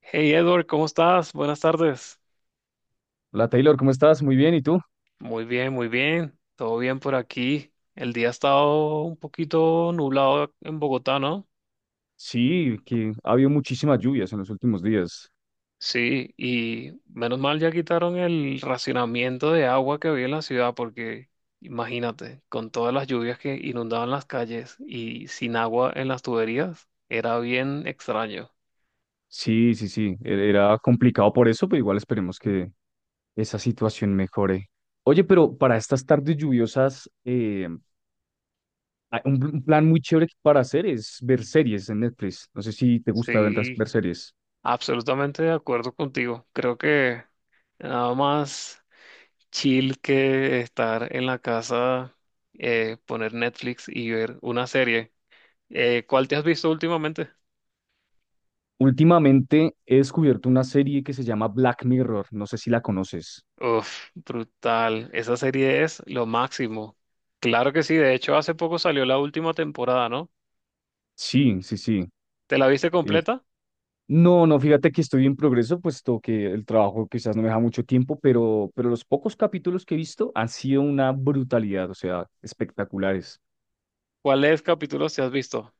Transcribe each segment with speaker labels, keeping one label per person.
Speaker 1: Hey Edward, ¿cómo estás? Buenas tardes.
Speaker 2: Hola Taylor, ¿cómo estás? Muy bien, ¿y tú?
Speaker 1: Muy bien, muy bien. Todo bien por aquí. El día ha estado un poquito nublado en Bogotá, ¿no?
Speaker 2: Sí, que ha habido muchísimas lluvias en los últimos días.
Speaker 1: Sí, y menos mal ya quitaron el racionamiento de agua que había en la ciudad porque imagínate, con todas las lluvias que inundaban las calles y sin agua en las tuberías, era bien extraño.
Speaker 2: Sí, sí, sí, era complicado por eso, pero igual esperemos que esa situación mejore. Oye, pero para estas tardes lluviosas, hay un plan muy chévere para hacer es ver series en Netflix. No sé si te gusta
Speaker 1: Sí,
Speaker 2: ver series.
Speaker 1: absolutamente de acuerdo contigo. Creo que nada más chill que estar en la casa, poner Netflix y ver una serie. ¿Cuál te has visto últimamente?
Speaker 2: Últimamente he descubierto una serie que se llama Black Mirror, no sé si la conoces.
Speaker 1: Uf, brutal. Esa serie es lo máximo. Claro que sí. De hecho, hace poco salió la última temporada, ¿no?
Speaker 2: Sí, sí, sí.
Speaker 1: ¿Te la viste completa?
Speaker 2: No, no, fíjate que estoy en progreso, puesto que el trabajo quizás no me deja mucho tiempo, pero los pocos capítulos que he visto han sido una brutalidad, o sea, espectaculares.
Speaker 1: ¿Cuáles capítulos te has visto?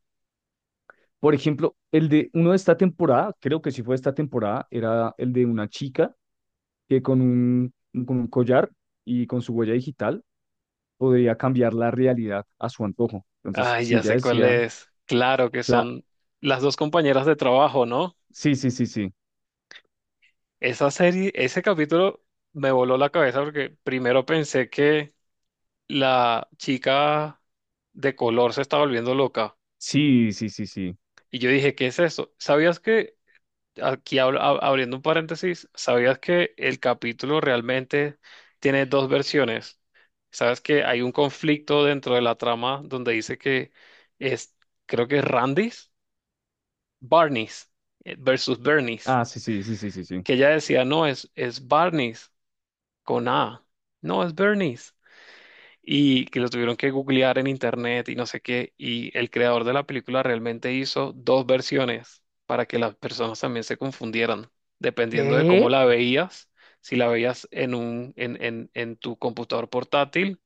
Speaker 2: Por ejemplo, el de uno de esta temporada, creo que sí fue esta temporada, era el de una chica que con un collar y con su huella digital podría cambiar la realidad a su antojo. Entonces,
Speaker 1: Ay,
Speaker 2: si
Speaker 1: ya
Speaker 2: ella
Speaker 1: sé cuál
Speaker 2: decía,
Speaker 1: es. Claro que
Speaker 2: la...
Speaker 1: son las dos compañeras de trabajo, ¿no?
Speaker 2: sí, sí, sí, sí,
Speaker 1: Esa serie, ese capítulo me voló la cabeza porque primero pensé que la chica de color se estaba volviendo loca.
Speaker 2: sí, sí, sí, sí,
Speaker 1: Y yo dije, ¿qué es eso? ¿Sabías que, aquí abriendo un paréntesis, ¿sabías que el capítulo realmente tiene dos versiones? ¿Sabes que hay un conflicto dentro de la trama donde dice que es, creo que es Randy's, Barney's versus Bernie's?
Speaker 2: ah, sí, sí, sí, sí, sí, sí.
Speaker 1: Que ella decía, no, es Barney's con A, no, es Bernie's. Y que lo tuvieron que googlear en internet y no sé qué. Y el creador de la película realmente hizo dos versiones para que las personas también se confundieran, dependiendo de cómo
Speaker 2: ¿Qué?
Speaker 1: la veías, si la veías en en tu computador portátil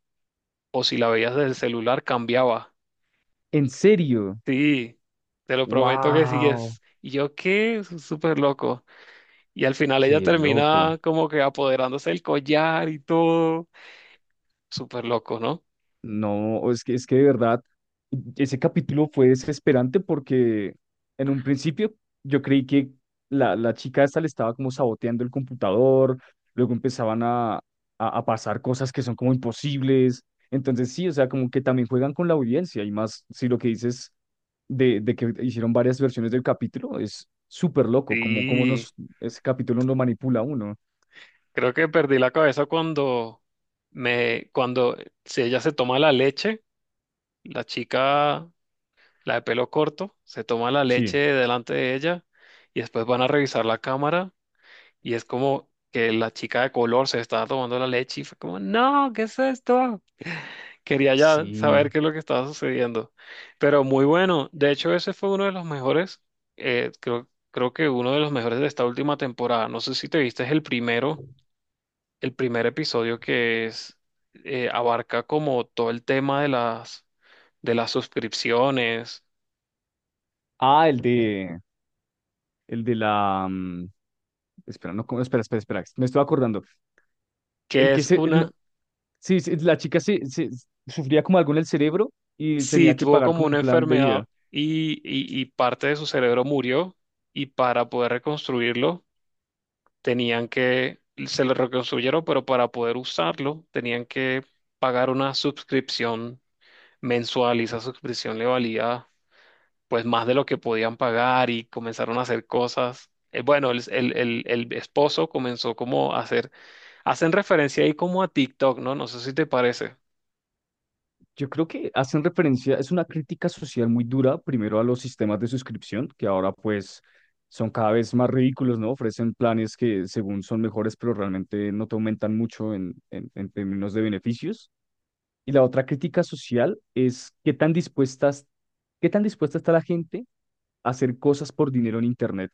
Speaker 1: o si la veías del celular, cambiaba.
Speaker 2: ¿En serio?
Speaker 1: Sí, te lo prometo que sí
Speaker 2: ¡Wow!
Speaker 1: es. Y yo qué, súper loco. Y al final ella
Speaker 2: Qué loco.
Speaker 1: termina como que apoderándose del collar y todo. Súper loco, ¿no?
Speaker 2: No, es que de verdad, ese capítulo fue desesperante porque en un principio yo creí que la chica esta le estaba como saboteando el computador, luego empezaban a pasar cosas que son como imposibles. Entonces sí, o sea, como que también juegan con la audiencia y más si lo que dices de que hicieron varias versiones del capítulo es súper loco, como
Speaker 1: Sí.
Speaker 2: nos, ese capítulo lo manipula a uno.
Speaker 1: Creo que perdí la cabeza cuando me, cuando si ella se toma la leche, la chica, la de pelo corto, se toma la leche
Speaker 2: Sí,
Speaker 1: delante de ella y después van a revisar la cámara y es como que la chica de color se estaba tomando la leche y fue como, no, ¿qué es esto? Quería ya
Speaker 2: sí.
Speaker 1: saber qué es lo que estaba sucediendo. Pero muy bueno. De hecho, ese fue uno de los mejores, creo que uno de los mejores de esta última temporada. No sé si te viste el primer episodio que es abarca como todo el tema de las suscripciones,
Speaker 2: Ah, el de... El de la. Mm, espera, no, ¿cómo? Espera, espera, espera. Me estoy acordando. El
Speaker 1: que
Speaker 2: que
Speaker 1: es
Speaker 2: se. El no-
Speaker 1: una,
Speaker 2: sí, sí, la chica sufría como algo en el cerebro y
Speaker 1: sí,
Speaker 2: tenía que
Speaker 1: tuvo
Speaker 2: pagar
Speaker 1: como
Speaker 2: como
Speaker 1: una
Speaker 2: un plan de
Speaker 1: enfermedad
Speaker 2: vida.
Speaker 1: y, y parte de su cerebro murió y para poder reconstruirlo tenían que, se lo reconstruyeron, pero para poder usarlo tenían que pagar una suscripción mensual y esa suscripción le valía pues más de lo que podían pagar y comenzaron a hacer cosas. Bueno, el esposo comenzó como a hacer, hacen referencia ahí como a TikTok, ¿no? No sé si te parece.
Speaker 2: Yo creo que hacen referencia, es una crítica social muy dura, primero a los sistemas de suscripción, que ahora pues son cada vez más ridículos, ¿no? Ofrecen planes que según son mejores, pero realmente no te aumentan mucho en términos de beneficios. Y la otra crítica social es qué tan dispuestas, qué tan dispuesta está la gente hacer cosas por dinero en Internet.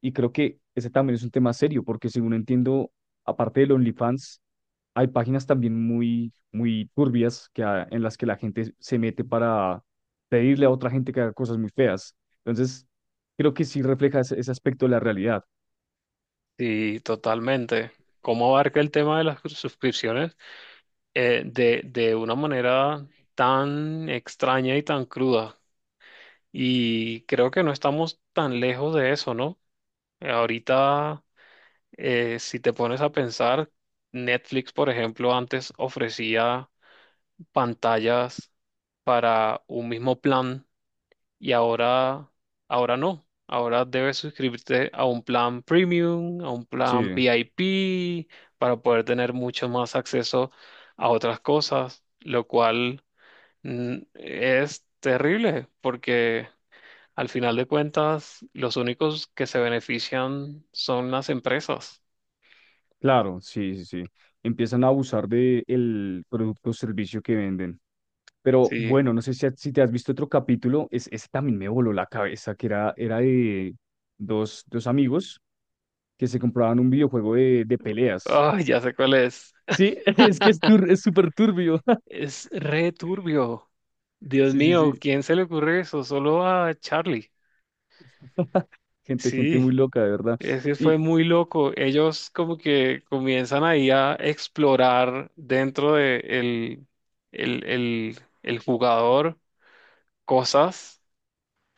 Speaker 2: Y creo que ese también es un tema serio, porque según entiendo, aparte del OnlyFans, hay páginas también muy turbias que, en las que la gente se mete para pedirle a otra gente que haga cosas muy feas. Entonces, creo que sí refleja ese, ese aspecto de la realidad.
Speaker 1: Sí, totalmente. ¿Cómo abarca el tema de las suscripciones de una manera tan extraña y tan cruda? Y creo que no estamos tan lejos de eso, ¿no? Ahorita, si te pones a pensar, Netflix, por ejemplo, antes ofrecía pantallas para un mismo plan y ahora, ahora no. Ahora debes suscribirte a un plan premium, a un plan
Speaker 2: Sí,
Speaker 1: VIP, para poder tener mucho más acceso a otras cosas, lo cual es terrible porque al final de cuentas los únicos que se benefician son las empresas.
Speaker 2: claro, sí, sí, sí. Empiezan a abusar de el producto o servicio que venden. Pero
Speaker 1: Sí,
Speaker 2: bueno, no sé si, si te has visto otro capítulo, es, ese también me voló la cabeza, que era, era de dos amigos que se compraban un videojuego de peleas.
Speaker 1: ay, ya sé cuál es.
Speaker 2: Sí, es que es súper turbio.
Speaker 1: Es re turbio. Dios
Speaker 2: Sí, sí,
Speaker 1: mío,
Speaker 2: sí.
Speaker 1: ¿quién se le ocurre eso? Solo a Charlie.
Speaker 2: Gente, gente muy
Speaker 1: Sí,
Speaker 2: loca, de verdad.
Speaker 1: ese fue
Speaker 2: Y
Speaker 1: muy loco. Ellos como que comienzan ahí a explorar dentro de el, el jugador cosas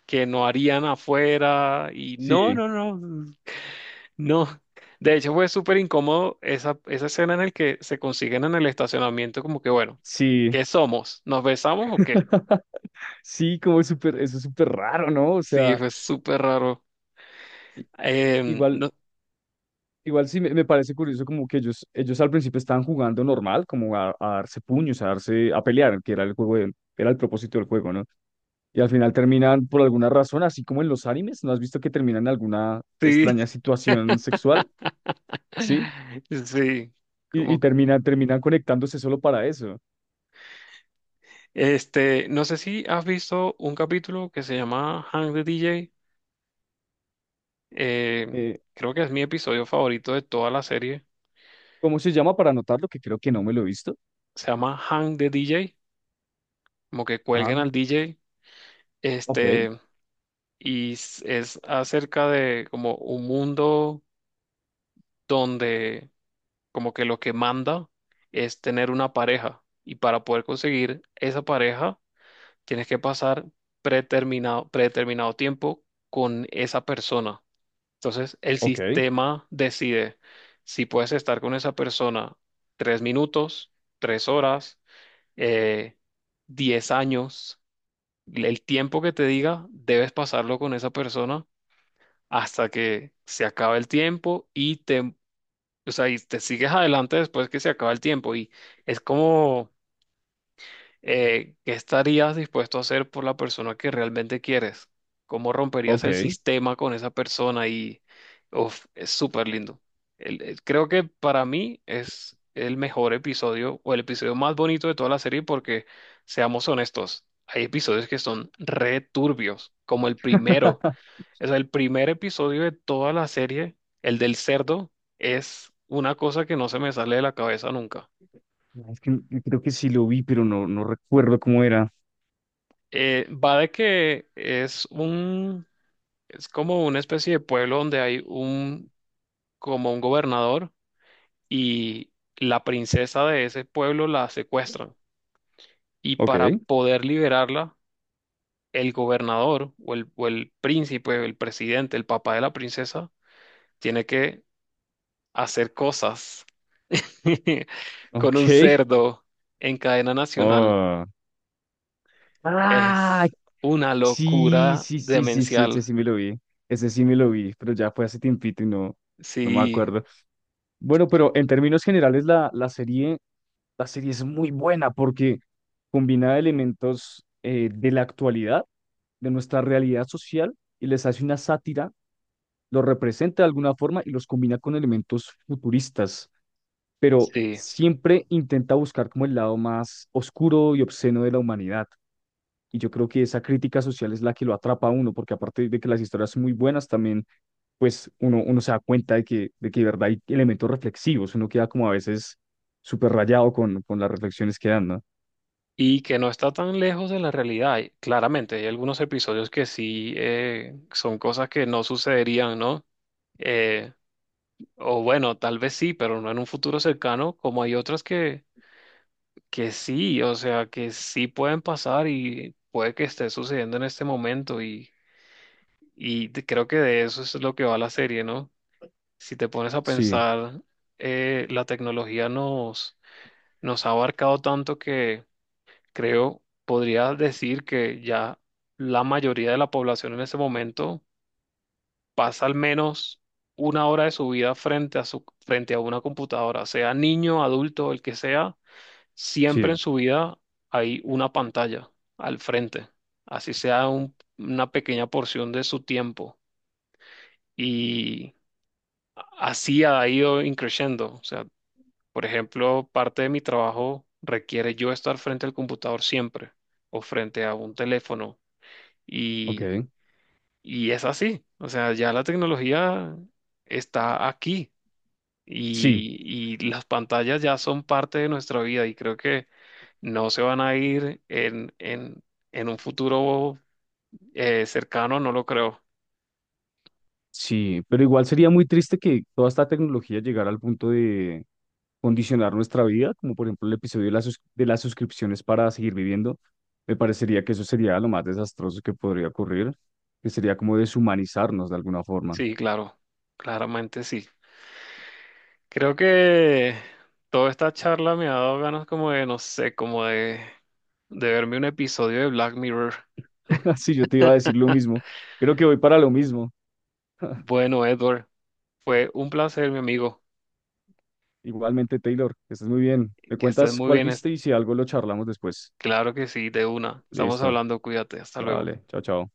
Speaker 1: que no harían afuera y
Speaker 2: sí,
Speaker 1: no, no. De hecho fue súper incómodo esa, esa escena en el que se consiguen en el estacionamiento como que bueno,
Speaker 2: sí.
Speaker 1: ¿qué somos? ¿Nos besamos o qué?
Speaker 2: Sí, como es súper, eso es súper raro, ¿no? O
Speaker 1: Sí,
Speaker 2: sea,
Speaker 1: fue súper raro.
Speaker 2: i- igual
Speaker 1: No,
Speaker 2: Igual sí me parece curioso como que ellos al principio estaban jugando normal, como a darse puños, a darse, a pelear, que era el juego de- era el propósito del juego, ¿no? Y al final terminan por alguna razón, así como en los animes, ¿no has visto que terminan en alguna
Speaker 1: sí,
Speaker 2: extraña situación sexual? ¿Sí?
Speaker 1: sí,
Speaker 2: Y
Speaker 1: como que-
Speaker 2: terminan conectándose solo para eso.
Speaker 1: este, no sé si has visto un capítulo que se llama Hang the DJ. eh,
Speaker 2: Eh,
Speaker 1: Creo que es mi episodio favorito de toda la serie.
Speaker 2: ¿Cómo se llama para anotarlo? Que creo que no me lo he visto.
Speaker 1: Se llama Hang the DJ, como que cuelguen
Speaker 2: Ah,
Speaker 1: al DJ.
Speaker 2: ok,
Speaker 1: Este, y es acerca de como un mundo donde como que lo que manda es tener una pareja. Y para poder conseguir esa pareja tienes que pasar predeterminado tiempo con esa persona. Entonces, el
Speaker 2: ok,
Speaker 1: sistema decide si puedes estar con esa persona 3 minutos, 3 horas, eh, 10 años. El tiempo que te diga, debes pasarlo con esa persona hasta que se acabe el tiempo y te, o sea, y te sigues adelante después que se acaba el tiempo. Y es como ¿qué estarías dispuesto a hacer por la persona que realmente quieres? ¿Cómo romperías el
Speaker 2: ok.
Speaker 1: sistema con esa persona? Y uf, es súper lindo. Creo que para mí es el mejor episodio o el episodio más bonito de toda la serie porque, seamos honestos, hay episodios que son re turbios, como el primero. O sea, el primer episodio de toda la serie, el del cerdo, es una cosa que no se me sale de la cabeza nunca.
Speaker 2: Es que creo que sí lo vi, pero no, no recuerdo cómo era.
Speaker 1: Va de que es un. Es como una especie de pueblo donde hay un, como un gobernador y la princesa de ese pueblo la secuestran. Y para
Speaker 2: Ok.
Speaker 1: poder liberarla, el gobernador o el príncipe, el presidente, el papá de la princesa, tiene que hacer cosas con
Speaker 2: Ok.
Speaker 1: un cerdo en cadena nacional.
Speaker 2: Oh. Ah,
Speaker 1: Es una
Speaker 2: sí,
Speaker 1: locura
Speaker 2: sí, sí, sí, sí, ese
Speaker 1: demencial.
Speaker 2: sí me lo vi. Ese sí me lo vi, pero ya fue hace tiempito y no, no me
Speaker 1: Sí,
Speaker 2: acuerdo. Bueno, pero en términos generales la serie es muy buena porque combina elementos de la actualidad, de nuestra realidad social y les hace una sátira, los representa de alguna forma y los combina con elementos futuristas, pero
Speaker 1: sí.
Speaker 2: siempre intenta buscar como el lado más oscuro y obsceno de la humanidad. Y yo creo que esa crítica social es la que lo atrapa a uno, porque aparte de que las historias son muy buenas, también pues uno se da cuenta de de que de verdad hay elementos reflexivos, uno queda como a veces súper rayado con las reflexiones que dan, ¿no?
Speaker 1: Y que no está tan lejos de la realidad. Y claramente, hay algunos episodios que sí son cosas que no sucederían, ¿no? Eh, o bueno, tal vez sí, pero no en un futuro cercano, como hay otras que sí, o sea, que sí pueden pasar y puede que esté sucediendo en este momento y, creo que de eso es lo que va la serie, ¿no? Si te pones a
Speaker 2: Sí,
Speaker 1: pensar, la tecnología nos ha abarcado tanto creo, podría decir que ya la mayoría de la población en ese momento pasa al menos una hora de su vida frente a frente a una computadora, sea niño, adulto, el que sea, siempre en
Speaker 2: sí,
Speaker 1: su vida hay una pantalla al frente, así sea una pequeña porción de su tiempo. Y así ha ido increciendo. O sea, por ejemplo, parte de mi trabajo requiere yo estar frente al computador siempre o frente a un teléfono.
Speaker 2: ok.
Speaker 1: Y, y es así, o sea, ya la tecnología está aquí
Speaker 2: Sí,
Speaker 1: y las pantallas ya son parte de nuestra vida y creo que no se van a ir en un futuro cercano, no lo creo.
Speaker 2: sí, pero igual sería muy triste que toda esta tecnología llegara al punto de condicionar nuestra vida, como por ejemplo el episodio de las suscripciones para seguir viviendo. Me parecería que eso sería lo más desastroso que podría ocurrir, que sería como deshumanizarnos de alguna forma.
Speaker 1: Sí, claro, claramente sí. Creo que toda esta charla me ha dado ganas como de, no sé, de verme un episodio de Black Mirror.
Speaker 2: Sí, yo te iba a decir lo mismo. Creo que voy para lo mismo.
Speaker 1: Bueno, Edward, fue un placer, mi amigo.
Speaker 2: Igualmente, Taylor, que estés muy bien. Me
Speaker 1: Que estés
Speaker 2: cuentas
Speaker 1: muy
Speaker 2: cuál
Speaker 1: bien.
Speaker 2: viste y si algo lo charlamos después.
Speaker 1: Claro que sí, de una. Estamos
Speaker 2: Listo.
Speaker 1: hablando, cuídate, hasta luego.
Speaker 2: Vale, chao, chao.